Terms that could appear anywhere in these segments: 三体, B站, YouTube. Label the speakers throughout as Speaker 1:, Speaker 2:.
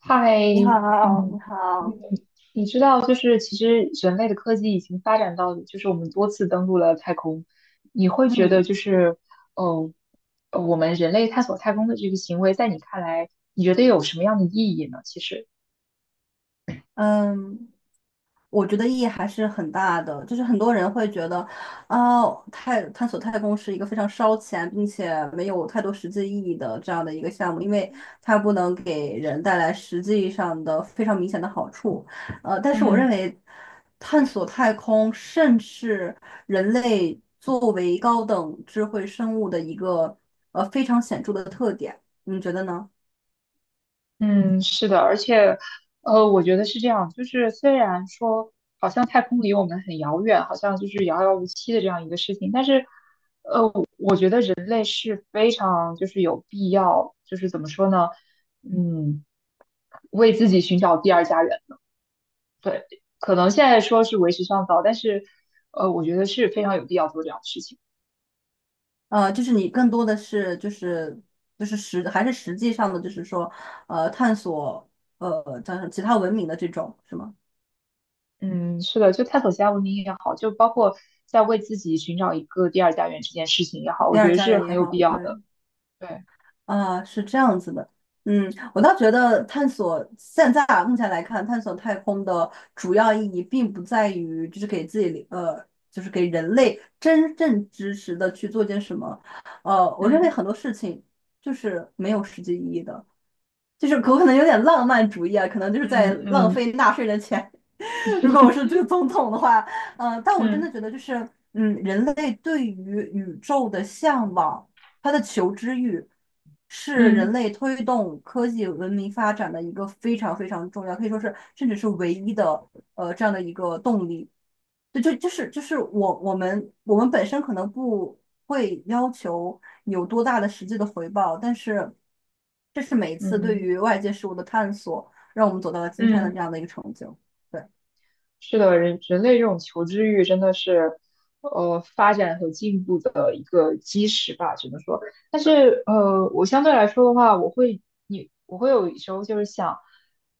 Speaker 1: 太
Speaker 2: 你好，你
Speaker 1: 嗯，
Speaker 2: 好，
Speaker 1: 你知道，就是其实人类的科技已经发展到，就是我们多次登陆了太空。你会觉得，
Speaker 2: 嗯
Speaker 1: 就是，哦，我们人类探索太空的这个行为，在你看来，你觉得有什么样的意义呢？其实，
Speaker 2: 嗯，我觉得意义还是很大的，就是很多人会觉得，哦，探索太空是一个非常烧钱，并且没有太多实际意义的这样的一个项目，因为它不能给人带来实际上的非常明显的好处。但是我认
Speaker 1: 嗯
Speaker 2: 为，探索太空甚是人类作为高等智慧生物的一个非常显著的特点，你觉得呢？
Speaker 1: 嗯，是的，而且，我觉得是这样，就是虽然说好像太空离我们很遥远，好像就是遥遥无期的这样一个事情。但是人类是非常就是有必要，就是怎么说呢，嗯，为自己寻找第二家园。对，可能现在说是为时尚早，但是我觉得是非常有必要做这样的事情。
Speaker 2: 就是你更多的是就是还是实际上的，就是说探索叫什么其他文明的这种是吗？
Speaker 1: 嗯，是的，就探索其他文明也好，就包括在为自己寻找一个第二家园这件事情也好，
Speaker 2: 第
Speaker 1: 我觉
Speaker 2: 二
Speaker 1: 得
Speaker 2: 家
Speaker 1: 是
Speaker 2: 园也
Speaker 1: 很有必
Speaker 2: 好，
Speaker 1: 要
Speaker 2: 对
Speaker 1: 的。对，
Speaker 2: 啊，是这样子的。嗯，我倒觉得探索现在啊目前来看，探索太空的主要意义并不在于就是给自己就是给人类真正知识的去做件什么，我认为
Speaker 1: 嗯
Speaker 2: 很多事情就是没有实际意义的。就是我可能有点浪漫主义啊，可能就是在
Speaker 1: 嗯
Speaker 2: 浪
Speaker 1: 嗯
Speaker 2: 费纳税人的钱。如果我是这个总统的话，但我真
Speaker 1: 嗯
Speaker 2: 的觉得就是，人类对于宇宙的向往，它的求知欲，是人
Speaker 1: 嗯
Speaker 2: 类推动科技文明发展的一个非常非常重要，可以说是甚至是唯一的，这样的一个动力。对，就是我们本身可能不会要求有多大的实际的回报，但是这是每一次对
Speaker 1: 嗯。
Speaker 2: 于外界事物的探索，让我们走到了今天的这
Speaker 1: 嗯，
Speaker 2: 样的一个成就。对，
Speaker 1: 是的，人类这种求知欲真的是，发展和进步的一个基石吧，只能说。但是，我相对来说的话，我会，我会有时候就是想，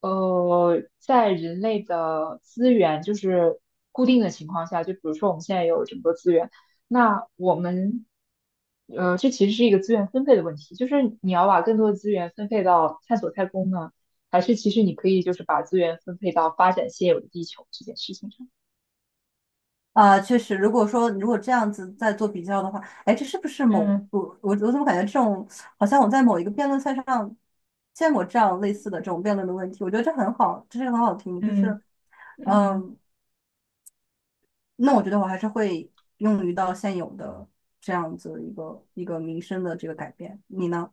Speaker 1: 在人类的资源就是固定的情况下，就比如说我们现在有这么多资源，那我们，这其实是一个资源分配的问题，就是你要把更多的资源分配到探索太空呢。还是其实你可以就是把资源分配到发展现有的地球这件事情上。
Speaker 2: 啊、确实，如果说如果这样子再做比较的话，哎，这是不是某
Speaker 1: 嗯
Speaker 2: 我我我怎么感觉这种好像我在某一个辩论赛上见过这样类似的这种辩论的问题？我觉得这很好，这是个很好听，就是
Speaker 1: 嗯嗯，
Speaker 2: 嗯。那我觉得我还是会用于到现有的这样子一个一个民生的这个改变。你呢？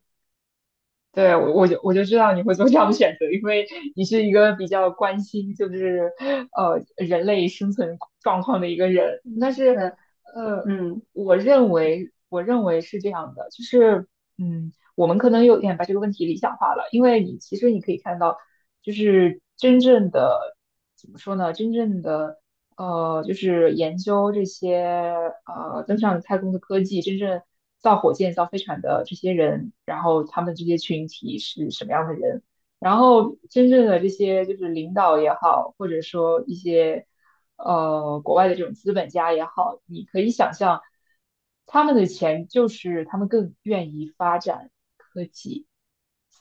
Speaker 1: 对，我就知道你会做这样的选择，因为你是一个比较关心就是人类生存状况的一个人。但
Speaker 2: 嗯
Speaker 1: 是
Speaker 2: 呃，
Speaker 1: 呃，
Speaker 2: 嗯
Speaker 1: 我认为是这样的，就是我们可能有点把这个问题理想化了，因为你其实你可以看到，就是真正的怎么说呢？真正的就是研究这些登上太空的科技，真正造火箭、造飞船的这些人，然后他们这些群体是什么样的人，然后真正的这些就是领导也好，或者说一些国外的这种资本家也好，你可以想象他们的钱就是他们更愿意发展。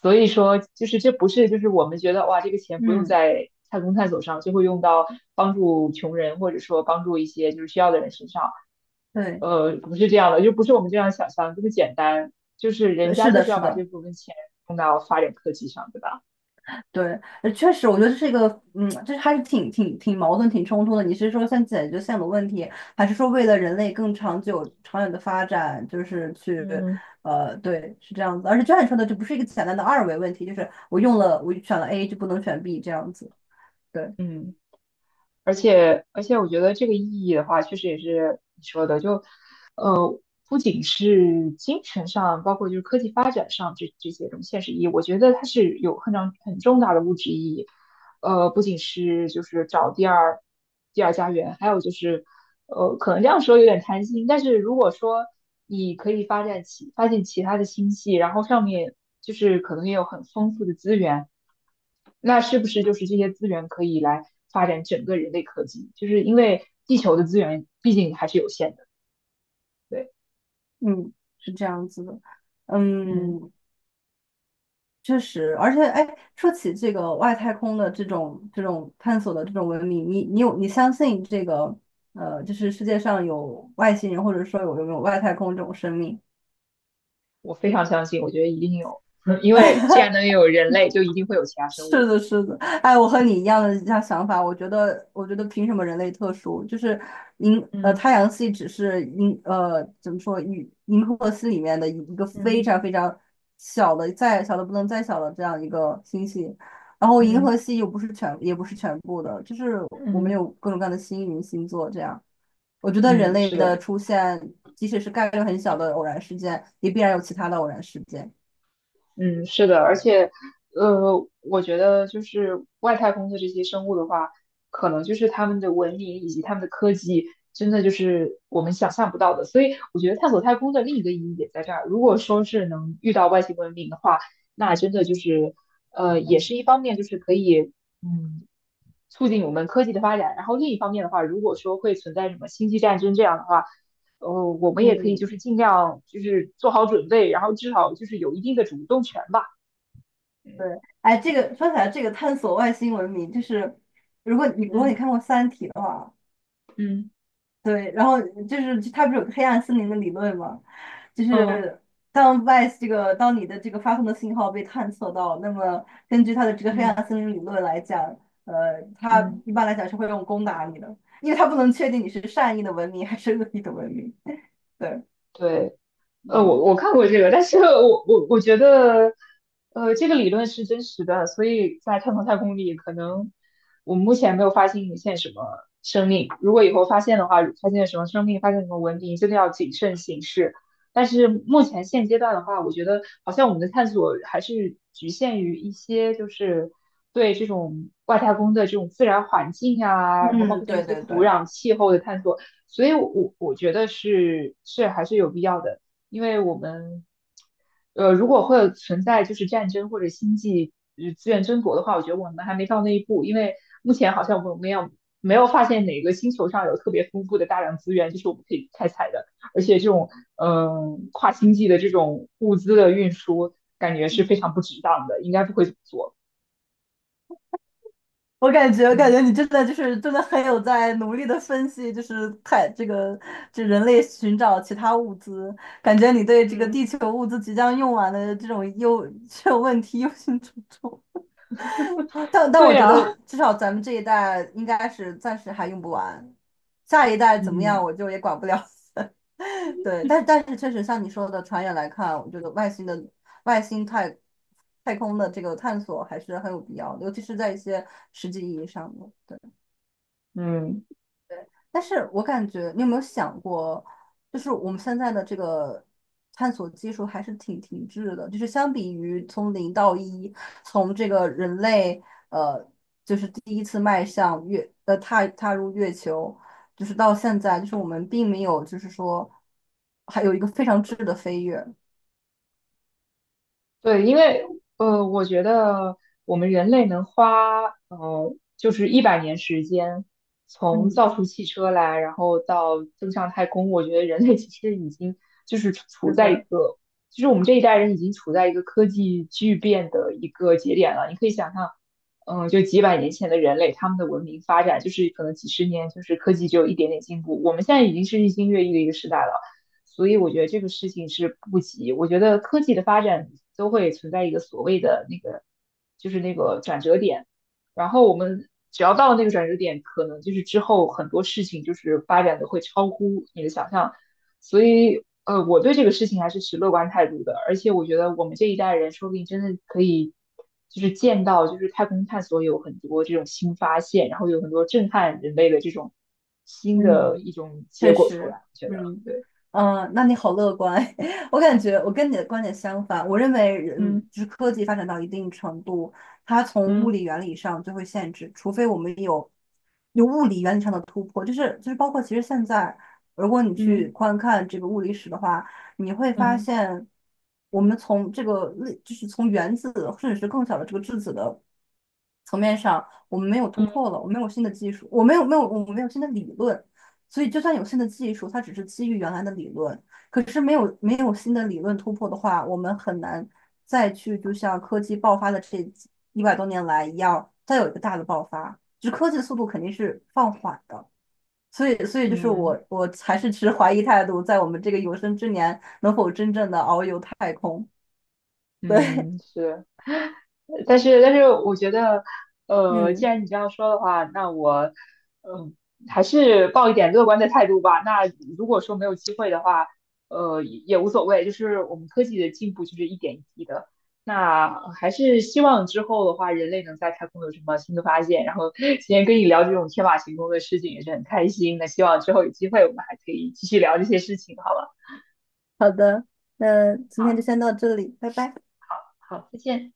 Speaker 1: 所以说，就是这不是就是我们觉得哇，这个钱不用
Speaker 2: 嗯，
Speaker 1: 在太空探索上，就会用到帮助穷人或者说帮助一些就是需要的人身上。
Speaker 2: 对，
Speaker 1: 不是这样的，就不是我们这样想象这么简单，就是人家
Speaker 2: 是
Speaker 1: 就
Speaker 2: 的，
Speaker 1: 是要
Speaker 2: 是
Speaker 1: 把这
Speaker 2: 的，
Speaker 1: 部分钱用到发展科技上，对吧？
Speaker 2: 对，确实，我觉得这是一个，这还是挺矛盾、挺冲突的。你是说先解决现有的问题，还是说为了人类更长久、长远的发展，就是去，
Speaker 1: 嗯，
Speaker 2: 对，是这样子。而且就像你说的，这不是一个简单的二维问题，就是我用了，我选了 A 就不能选 B 这样子。对。
Speaker 1: 嗯。而且，我觉得这个意义的话，确实也是你说的，就呃，不仅是精神上，包括就是科技发展上这这些这种现实意义，我觉得它是有很长很重大的物质意义。不仅是就是找第二家园，还有就是可能这样说有点贪心，但是如果说你可以发现其他的星系，然后上面就是可能也有很丰富的资源。那是不是就是这些资源可以来发展整个人类科技？就是因为地球的资源毕竟还是有限的。对，
Speaker 2: 嗯，是这样子的，
Speaker 1: 嗯，
Speaker 2: 嗯，确实，而且，哎，说起这个外太空的这种探索的这种文明，你相信这个就是世界上有外星人，或者说有没有外太空这种生命？
Speaker 1: 我非常相信，我觉得一定有，因为既然 能有人类，就一定会有其他生
Speaker 2: 是
Speaker 1: 物。
Speaker 2: 的，是的，哎，我和你一样想法。我觉得凭什么人类特殊？就是
Speaker 1: 嗯
Speaker 2: 太阳系只是银呃怎么说银银河系里面的一个非
Speaker 1: 嗯
Speaker 2: 常非常小的，再小的不能再小的这样一个星系。然后银河
Speaker 1: 嗯
Speaker 2: 系又不是全，也不是全部的，就是我们
Speaker 1: 嗯
Speaker 2: 有各种各样的星云星座这样。我觉得人
Speaker 1: 嗯，
Speaker 2: 类
Speaker 1: 是
Speaker 2: 的
Speaker 1: 的。
Speaker 2: 出现，即使是概率很小的偶然事件，也必然有其他的偶然事件。
Speaker 1: 嗯，是的，而且，我觉得就是外太空的这些生物的话，可能就是他们的文明以及他们的科技，真的就是我们想象不到的。所以我觉得探索太空的另一个意义也在这儿。如果说是能遇到外星文明的话，那真的就是，也是一方面就是可以，嗯，促进我们科技的发展。然后另一方面的话，如果说会存在什么星际战争这样的话，呃，我们也可以
Speaker 2: 嗯，
Speaker 1: 就是尽量就是做好准备，然后至少就是有一定的主动权吧。
Speaker 2: 对，
Speaker 1: 嗯
Speaker 2: 哎，这个说起来，这个探索外星文明，就是如果你
Speaker 1: 嗯
Speaker 2: 看过《三体》的话，
Speaker 1: 嗯
Speaker 2: 对，然后就是它不是有个黑暗森林的理论吗？就
Speaker 1: 嗯
Speaker 2: 是当你的这个发送的信号被探测到，那么根据它的这个黑
Speaker 1: 嗯
Speaker 2: 暗森林理论来讲，呃，它
Speaker 1: 嗯，
Speaker 2: 一般来讲是会用攻打你的，因为它不能确定你是善意的文明还是恶意的文明。对，
Speaker 1: 对，
Speaker 2: 嗯
Speaker 1: 我看过这个，但是我觉得，这个理论是真实的，所以在太空里，可能我们目前没有发现什么生命。如果以后发现的话，发现什么生命，发现什么文明，真的要谨慎行事。但是目前现阶段的话，我觉得好像我们的探索还是局限于一些，就是对这种外太空的这种自然环境啊，然后包
Speaker 2: 嗯，
Speaker 1: 括它的一
Speaker 2: 对
Speaker 1: 些
Speaker 2: 对
Speaker 1: 土
Speaker 2: 对。
Speaker 1: 壤、气候的探索。所以我觉得是还是有必要的。因为我们，如果会存在就是战争或者星际资源争夺的话，我觉得我们还没到那一步，因为目前好像我们没有发现哪个星球上有特别丰富的大量资源，就是我们可以开采的，而且这种跨星际的这种物资的运输，感觉是非常不值当的，应该不会怎么做。
Speaker 2: 我感觉
Speaker 1: 嗯
Speaker 2: 你真的就是真的很有在努力的分析，就是太这个这人类寻找其他物资，感觉你对这个地
Speaker 1: 嗯，
Speaker 2: 球物资即将用完的这种这种问题忧心忡忡。但
Speaker 1: 对
Speaker 2: 我觉得
Speaker 1: 呀。
Speaker 2: 至少咱们这一代应该是暂时还用不完，下一代怎么样
Speaker 1: 嗯
Speaker 2: 我就也管不了。对，但是确实像你说的，长远来看，我觉得外星的外星太太空的这个探索还是很有必要的，尤其是在一些实际意义上的。对。
Speaker 1: 嗯。
Speaker 2: 对，但是我感觉，你有没有想过，就是我们现在的这个探索技术还是挺停滞的，就是相比于从零到一，从这个人类呃，就是第一次迈向月呃踏踏入月球，就是到现在，就是我们并没有就是说还有一个非常质的飞跃。
Speaker 1: 对，因为我觉得我们人类能花就是100年时间，从
Speaker 2: 嗯
Speaker 1: 造出汽车来，然后到登上太空，我觉得人类其实已经就是处
Speaker 2: 真
Speaker 1: 在一
Speaker 2: 的，
Speaker 1: 个，就是我们这一代人已经处在一个科技巨变的一个节点了。你可以想象，嗯，就几百年前的人类，他们的文明发展就是可能几十年，就是科技只有一点点进步，我们现在已经是日新月异的一个时代了。所以我觉得这个事情是不急。我觉得科技的发展都会存在一个所谓的那个，就是那个转折点。然后我们只要到了那个转折点，可能就是之后很多事情就是发展的会超乎你的想象。所以，我对这个事情还是持乐观态度的。而且我觉得我们这一代人说不定真的可以，就是见到就是太空探索有很多这种新发现，然后有很多震撼人类的这种新的
Speaker 2: 嗯，
Speaker 1: 一种结
Speaker 2: 确
Speaker 1: 果出
Speaker 2: 实，
Speaker 1: 来。我觉
Speaker 2: 嗯
Speaker 1: 得，
Speaker 2: 嗯
Speaker 1: 对。
Speaker 2: 那你好乐观。我感觉我跟你的观点相反，我认为人
Speaker 1: 嗯。
Speaker 2: 就是科技发展到一定程度，它从物
Speaker 1: 嗯
Speaker 2: 理原理上就会限制，除非我们有物理原理上的突破，就是包括其实现在，如果你去
Speaker 1: 嗯
Speaker 2: 观看这个物理史的话，你会发
Speaker 1: 嗯
Speaker 2: 现我们从这个类就是从原子甚至是更小的这个质子的层面上，我们没有突
Speaker 1: 嗯
Speaker 2: 破了，我没有新的技术，我没有新的理论，所以就算有新的技术，它只是基于原来的理论。可是没有新的理论突破的话，我们很难再去就像科技爆发的这100多年来一样，再有一个大的爆发。就是科技的速度肯定是放缓的，所以就是我
Speaker 1: 嗯
Speaker 2: 我还是持怀疑态度，在我们这个有生之年能否真正的遨游太空？对，
Speaker 1: 嗯，嗯，是，但是我觉得，既
Speaker 2: 嗯，
Speaker 1: 然你这样说的话，那我，嗯、还是抱一点乐观的态度吧。那如果说没有机会的话，也无所谓，就是我们科技的进步就是一点一滴的。那还是希望之后的话，人类能在太空有什么新的发现。然后今天跟你聊这种天马行空的事情也是很开心。那希望之后有机会我们还可以继续聊这些事情，好吧？
Speaker 2: 好的，那今天就
Speaker 1: 好，
Speaker 2: 先到这里，拜拜。
Speaker 1: 好，再见。